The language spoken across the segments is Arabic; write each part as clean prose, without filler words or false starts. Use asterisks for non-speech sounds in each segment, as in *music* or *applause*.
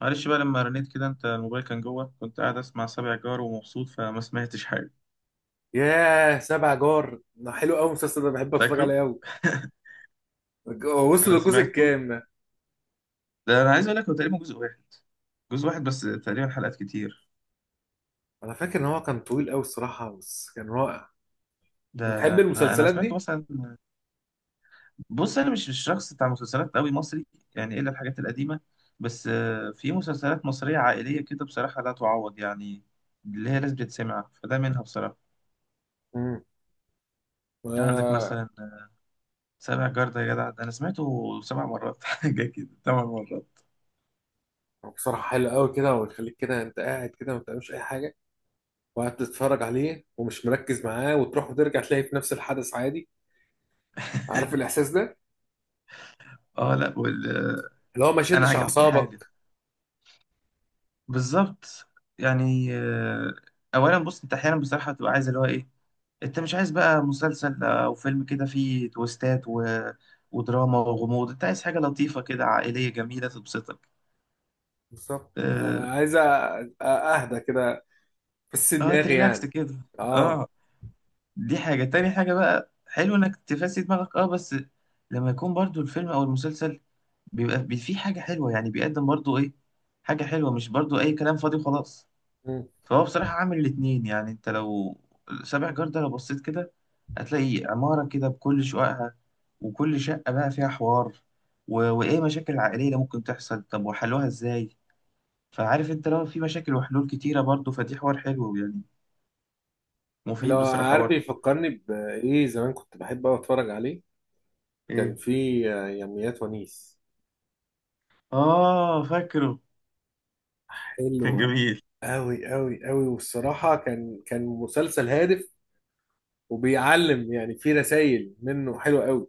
معلش بقى لما رنيت كده انت الموبايل كان جوه، كنت قاعد اسمع سابع جار ومبسوط فما سمعتش حاجه. ياه، سبع جار ده حلو قوي. المسلسل ده بحب اتفرج فاكره؟ عليه قوي. *laughs* هو وصل انا للجزء سمعته. الكام ده؟ ده انا عايز اقول لك هو تقريبا جزء واحد. جزء واحد بس، تقريبا حلقات كتير. انا فاكر ان هو كان طويل قوي الصراحه، بس كان رائع. انت ده بتحب ده انا أنا المسلسلات سمعته دي؟ مثلا. بص، انا مش شخص بتاع مسلسلات قوي مصري، يعني الا الحاجات القديمه. بس في مسلسلات مصريه عائليه كده بصراحه لا تعوض يعني، اللي هي لازم تتسمع، فده منها بصراحه. امم. عندك مثلا سابع جار، ده يا جدع ده انا سمعته سبع مرات *laughs* حاجه كده ثمان مرات. بصراحه حلو قوي كده، ويخليك كده انت قاعد كده ما بتعملش اي حاجه، وقاعد تتفرج عليه ومش مركز معاه وتروح وترجع تلاقي في نفس الحدث عادي. عارف الاحساس ده؟ اه، لا. اللي هو ما انا شدش عجبتني حاجه، اعصابك. بالظبط. يعني اولا بص، انت احيانا بصراحه بتبقى عايز اللي هو ايه، انت مش عايز بقى مسلسل او فيلم كده فيه تويستات ودراما وغموض، انت عايز حاجه لطيفه كده عائليه جميله تبسطك. بالظبط. اه، عايز اهدى كده، بس آه دماغي تريلاكس يعني. كده. اه. اه. دي حاجه تاني، حاجه بقى حلو انك تفسي دماغك، اه، بس لما يكون برضو الفيلم او المسلسل بيبقى فيه حاجه حلوه، يعني بيقدم برضو ايه، حاجه حلوه، مش برضو اي كلام فاضي وخلاص. فهو بصراحة عامل الاتنين. يعني انت لو سابع جار ده لو بصيت كده هتلاقي عمارة كده بكل شققها، وكل شقة بقى فيها حوار وإيه، مشاكل عائلية اللي ممكن تحصل، طب وحلوها إزاي. فعارف، انت لو في مشاكل وحلول كتيرة برضه، فدي حوار حلو يعني، لو مفيد بصراحة عارف برضه. بيفكرني بإيه؟ زمان كنت بحب أوي أتفرج عليه. كان إيه؟ في يوميات ونيس. آه فاكره، كان حلو جميل. أوي أوي أوي، والصراحة كان مسلسل هادف، وبيعلم يعني، في رسائل منه حلوة أوي.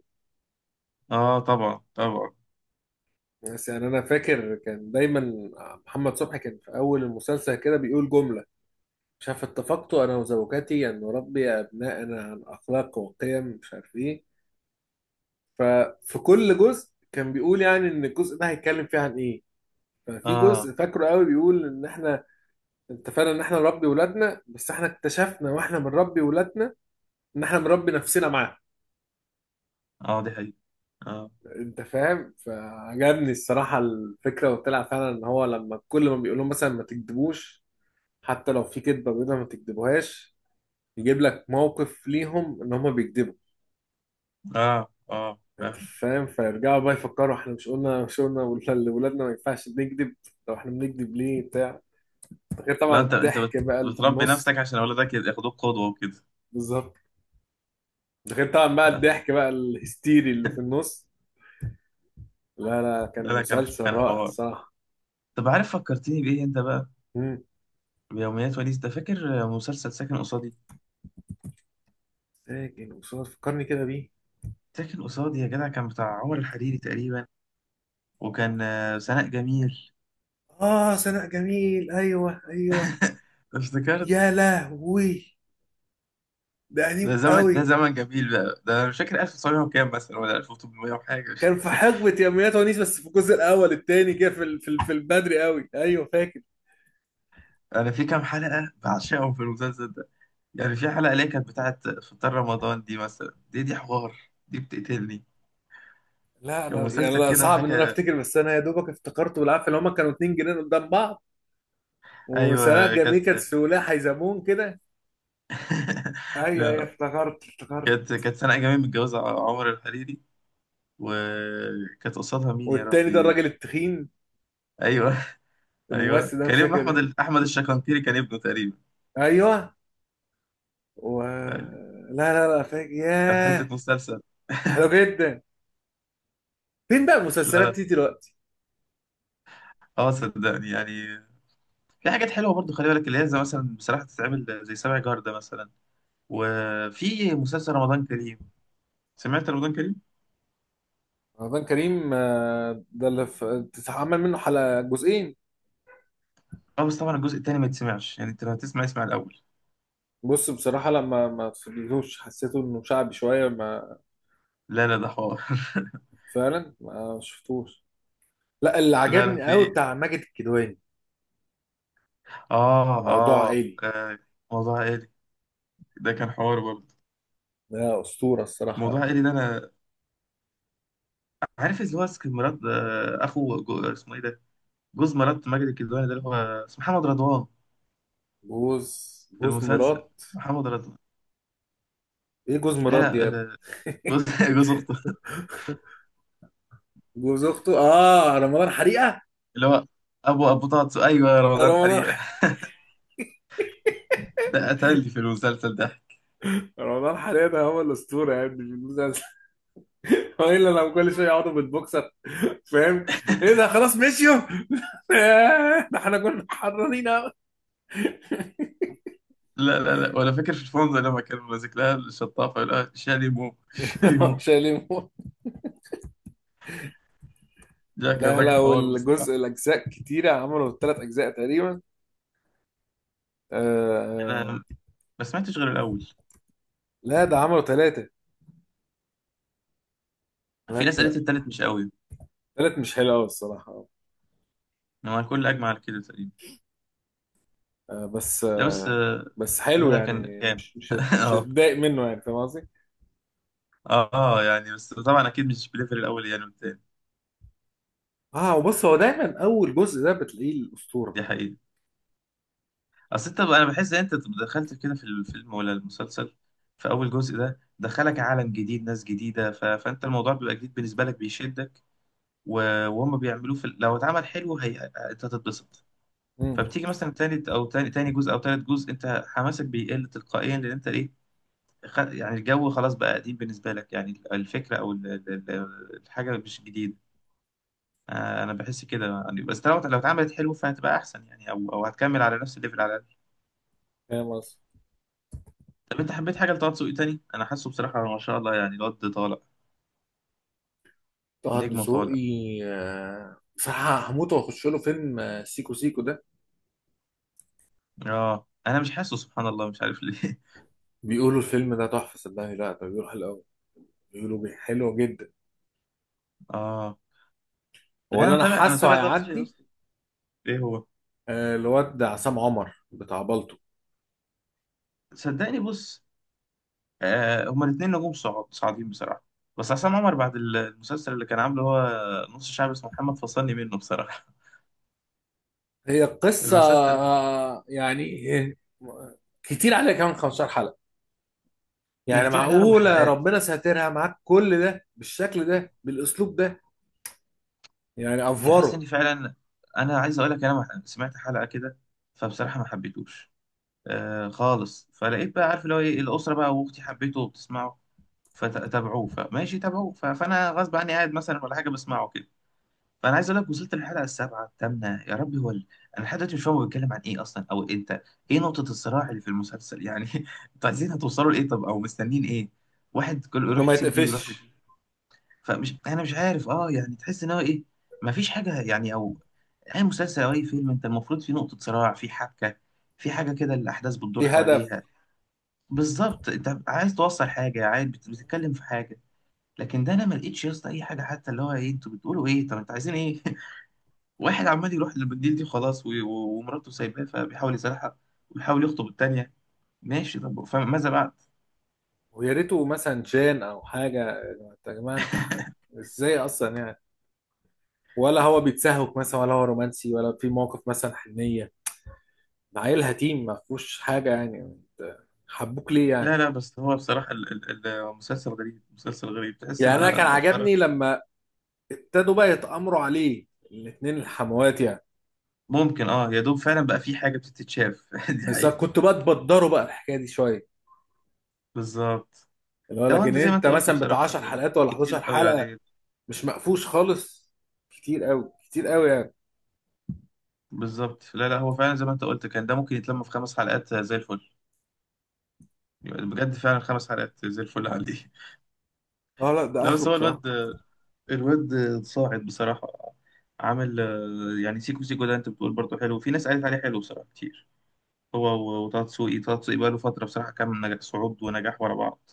آه طبعا طبعا. بس يعني أنا فاكر كان دايما محمد صبحي كان في أول المسلسل كده بيقول جملة، مش عارف، اتفقت أنا وزوجتي أن نربي أبناءنا عن أخلاق وقيم مش عارف إيه. ففي كل جزء كان بيقول يعني إن الجزء ده هيتكلم فيه عن إيه. ففي آه، جزء فاكره قوي بيقول ان احنا اتفقنا ان احنا نربي ولادنا، بس احنا اكتشفنا واحنا بنربي ولادنا ان احنا بنربي نفسنا معاهم. آه، دي حقيقة. آه، انت فاهم؟ فعجبني الصراحه الفكره، وطلع فعلا ان هو لما كل ما بيقول لهم مثلا ما تكذبوش، حتى لو في كذبه بيضه ما تكذبوهاش، يجيب لك موقف ليهم ان هم بيكذبوا. آه، آه، انت فاهم. فاهم؟ فيرجعوا بقى يفكروا، احنا مش قلنا لولادنا ما ينفعش نكذب؟ لو احنا بنكذب ليه بتاع. غير لا، طبعا انت الضحك بقى اللي في بتربي النص. نفسك عشان أولادك ياخدوك قدوة وكده. بالظبط. ده غير طبعا بقى الضحك بقى الهستيري اللي في النص. لا، كان لا لا، كان مسلسل كان رائع حوار. الصراحة. طب عارف فكرتني بإيه أنت بقى؟ مم. بيوميات ونيس ده، فاكر مسلسل ساكن قصادي؟ ساكن وصوت، فكرني كده بيه. ساكن قصادي يا جدع، كان بتاع عمر الحريري تقريبا، وكان سناء جميل. اه، سناء جميل، ايوه ايوه. *laughs* افتكرت. يا لهوي، ده قديم ده زمن قوي. ده زمن جميل بقى، ده أنا مش فاكر 1900 وكام مثلا، ولا 1800 وحاجة *laughs* مش كان في فاكر. حقبة يوميات ونيس، بس في الجزء الاول التاني كده، في البدري قوي، ايوه فاكر. أنا في كام حلقة بعشقهم في المسلسل ده، يعني في حلقة اللي هي كانت بتاعت فطار رمضان دي مثلا، دي حوار، دي بتقتلني. لا كان انا يعني مسلسل لا، كده صعب ان انا حاجة. افتكر، بس انا يا دوبك افتكرته بالعافيه، اللي هما كانوا اتنين جنان قدام بعض. وسناء أيوه جميل كانت كانت. في ولايه حيزمون كده. ايوه ايوه، *laughs* افتكرت افتكرت. كانت سنة أيام متجوزة عمر الحريري، وكانت قصادها مين يا والتاني ده ربي؟ الراجل التخين، أيوه. *laughs* أيوه، الممثل ده مش كان ابن فاكر أحمد إيه. أحمد الشكنكيري كان ابنه تقريبا. ايوه و... أيوة. لا لا فاكر، كان حتة ياه مسلسل. حلو جدا. فين بقى لا المسلسلات لا. دي دلوقتي؟ أه صدقني يعني، في حاجات حلوة برضو، خلي بالك اللي هي زي مثلا بصراحة تتعمل زي سبع جار ده مثلا. وفي مسلسل رمضان كريم، سمعت رمضان كريم؟ رمضان كريم، ده اللي اتعمل منه حلقة جزئين. أه، بس طبعا الجزء التاني ما يتسمعش يعني، أنت لو هتسمع اسمع الأول. بص بصراحة لما ما فضلتوش حسيته انه شعبي شوية ما، لا لا، ده حوار. فعلا ما شفتوش. لا، اللي *laughs* لا لا، عجبني قوي في بتاع ماجد الكدواني، آه، موضوع آه، عائلي، آه، موضوع عائلي. ده كان حوار برضه. ده أسطورة موضوع الصراحة. عائلي، ده أنا عارف اللي هو مراد، اخو اسمه ايه ده، جوز مرات ماجد الكدواني، ده اللي هو اسمه محمد رضوان، جوز في جوز المسلسل، مرات. محمد رضوان. ايه جوز لا مرات دي لا، يا آه، ابني؟ جوز *laughs* جوز اخته، *laughs* جوز اخته، اه، رمضان حريقة. اللي هو ابو طاطس، ايوه يا رمضان رمضان. حريقه. *laughs* ده قتلني في المسلسل ده. رمضان حاليا هو الاسطوره يعني في المسلسل. *laughs* هو الا لو كل شويه يقعدوا بالبوكسر، فاهم؟ ايه ده، خلاص مشيوا؟ *laughs* ده احنا كنا حرانين أوي. لا لا لا، ولا فاكر في الفندق لما كان ماسك لها الشطافه يقول لها شاليمو *laughs* شاليمو. مش هيلموا. ده كان لا راجل لا حوار والجزء بصراحه. الاجزاء كتيره، عملوا ثلاث اجزاء تقريبا. آه. انا آه، ما سمعتش غير الاول. لا ده عملوا ثلاثه، في ناس ثلاثه. قالت التالت مش قوي، ثلاث مش حلو قوي الصراحه. هو الكل اجمع على كده تقريبا. آه بس لا بس آه، بس لا حلو لا، كان يعني، جامد. مش *laughs* هتضايق منه، يعني فاهم قصدي؟ اه يعني، بس طبعا اكيد مش بليفل الاول يعني والتاني. اه، وبص، هو دايما اول جزء ده بتلاقيه الاسطوره. دي حقيقة. اصل انت، انا بحس ان انت دخلت كده في الفيلم ولا المسلسل في اول جزء ده، دخلك عالم جديد، ناس جديدة، فانت الموضوع بيبقى جديد بالنسبة لك، بيشدك، و... وهم بيعملوه لو اتعمل حلو انت هتتبسط. امم. فبتيجي مثلا تالت او تاني جزء او تالت جزء، انت حماسك بيقل تلقائيا، لان انت ايه، يعني الجو خلاص بقى قديم بالنسبة لك، يعني الفكرة او ال الحاجة مش جديدة. انا بحس كده يعني، بس لو اتعملت حلو فهتبقى احسن يعني، او هتكمل على نفس الليفل على الاقل. فاهم قصدي. طب انت حبيت حاجه لطه دسوقي تاني؟ انا حاسه بصراحه ما شاء الله يعني الواد طالع، طه نجمه طالع. دسوقي، صح، هموت واخش له فيلم سيكو سيكو ده. اه، انا مش حاسه، سبحان الله مش عارف ليه. بيقولوا الفيلم ده تحفه، صدقني، لا ده بيروح الاول. حلو جدا. *laughs* اه. لا، هو انا اللي انا متابع، حاسه طه دسوقي هيعدي، اصلا. ايه هو؟ الواد ده عصام عمر بتاع بالطو. صدقني بص، آه هما الاثنين نجوم صاعدين بصراحه، بس عصام عمر بعد المسلسل اللي كان عامله هو نص شعب اسمه محمد، فصلني منه بصراحه. هي *laughs* القصه المسلسل يعني. آه، كتير عليها كمان 15 حلقه، هي يعني كتير عليها اربع معقوله حلقات. ربنا ساترها معاك كل ده بالشكل ده بالاسلوب ده؟ يعني تحس افوره. ان فعلا، انا عايز اقول لك، انا سمعت حلقه كده فبصراحه ما حبيتوش آه خالص، فلقيت بقى عارف اللي هو ايه، الاسره بقى واختي حبيته وبتسمعه فتابعوه، فماشي تابعوه، فانا غصب عني قاعد مثلا ولا حاجه بسمعه كده. فانا عايز اقول لك، وصلت للحلقه السابعه الثامنه يا ربي، انا لحد دلوقتي مش فاهم هو بيتكلم عن ايه اصلا، او انت ايه نقطه الصراع اللي في المسلسل يعني؟ *laughs* انتوا عايزين هتوصلوا لايه، طب، او مستنين ايه؟ واحد كل انه يروح ما يسيب دي ويروح يتقفش. لدي. فمش، انا مش عارف اه يعني، تحس ان هو ايه، مفيش حاجه يعني. او اي مسلسل او اي فيلم، انت المفروض في نقطه صراع، في حبكه، في حاجه كده الاحداث بتدور في هدف. حواليها. بالظبط، انت عايز توصل حاجه، عايز بتتكلم في حاجه. لكن ده انا ما لقيتش يا اسطى اي حاجه، حتى اللي هو ايه، انتوا بتقولوا ايه، طب انتوا عايزين ايه؟ *laughs* واحد عمال يروح للمدير دي، خلاص، ومراته سايباه فبيحاول يصالحها، وبيحاول يخطب التانيه. ماشي طب، فماذا بعد؟ ويا ريته مثلا جان او حاجه. يا جماعه انت ازاي اصلا يعني؟ ولا هو بيتسهوك مثلا، ولا هو رومانسي، ولا في موقف مثلا حنيه؟ ده عيل هتيم ما فيهوش حاجه، يعني انت حبوك ليه يعني؟ لا لا، بس هو بصراحه المسلسل غريب، مسلسل غريب، تحس يعني ان انا كان مؤخرا عجبني لما ابتدوا بقى يتامروا عليه، الاتنين الحموات يعني. ممكن، اه يا دوب فعلا بقى في حاجة بتتشاف. *laughs* دي بس أنا حقيقة. كنت بقى تبدروا بقى الحكايه دي شويه، بالظبط، اللي هو لو لكن انت زي ما انت انت قلت مثلا بتاع بصراحة، 10 حلقات ولا كتير 11 قوي حلقه، عليه. مش مقفوش خالص، كتير قوي، كتير قوي يعني. بالظبط، لا لا، هو فعلا زي ما انت قلت، كان ده ممكن يتلم في خمس حلقات زي الفل. يبقى بجد فعلا خمس حلقات زي الفل عندي. اه *laughs* لا، ده لا، اخره بس هو بصراحه. الواد، الواد صاعد بصراحة، عامل يعني سيكو سيكو ده، انت بتقول برضه حلو، في ناس قالت عليه حلو بصراحة كتير. هو وطه دسوقي، طه دسوقي بقاله فترة بصراحة، كان نجاح صعود ونجاح ورا بعض.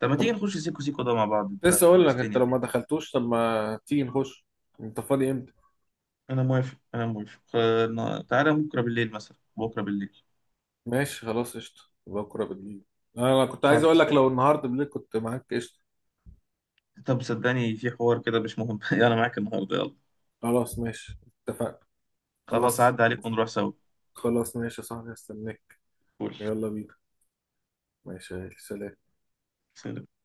طب ما تيجي طب نخش سيكو سيكو ده مع بعض، انت لسه اقول لك، انت حمستني. لو ما دخلتوش، طب ما تيجي نخش. انت فاضي امتى؟ انا موافق انا موافق، تعالى بكره بالليل مثلا، بكره بالليل. ماشي خلاص، قشطة، بكرة بالليل. أنا كنت عايز أقول خلاص لك لو قشطة. النهاردة بالليل كنت معاك قشطة. طب صدقني في حوار كده مش مهم. *laughs* انا معاك النهارده، يلا. خلاص، ماشي، اتفقنا. خلاص خلاص، عدى عليك ونروح سوا. خلاص ماشي يا صاحبي، هستناك. فل. يلا بينا، ماشي، سلام. سلام.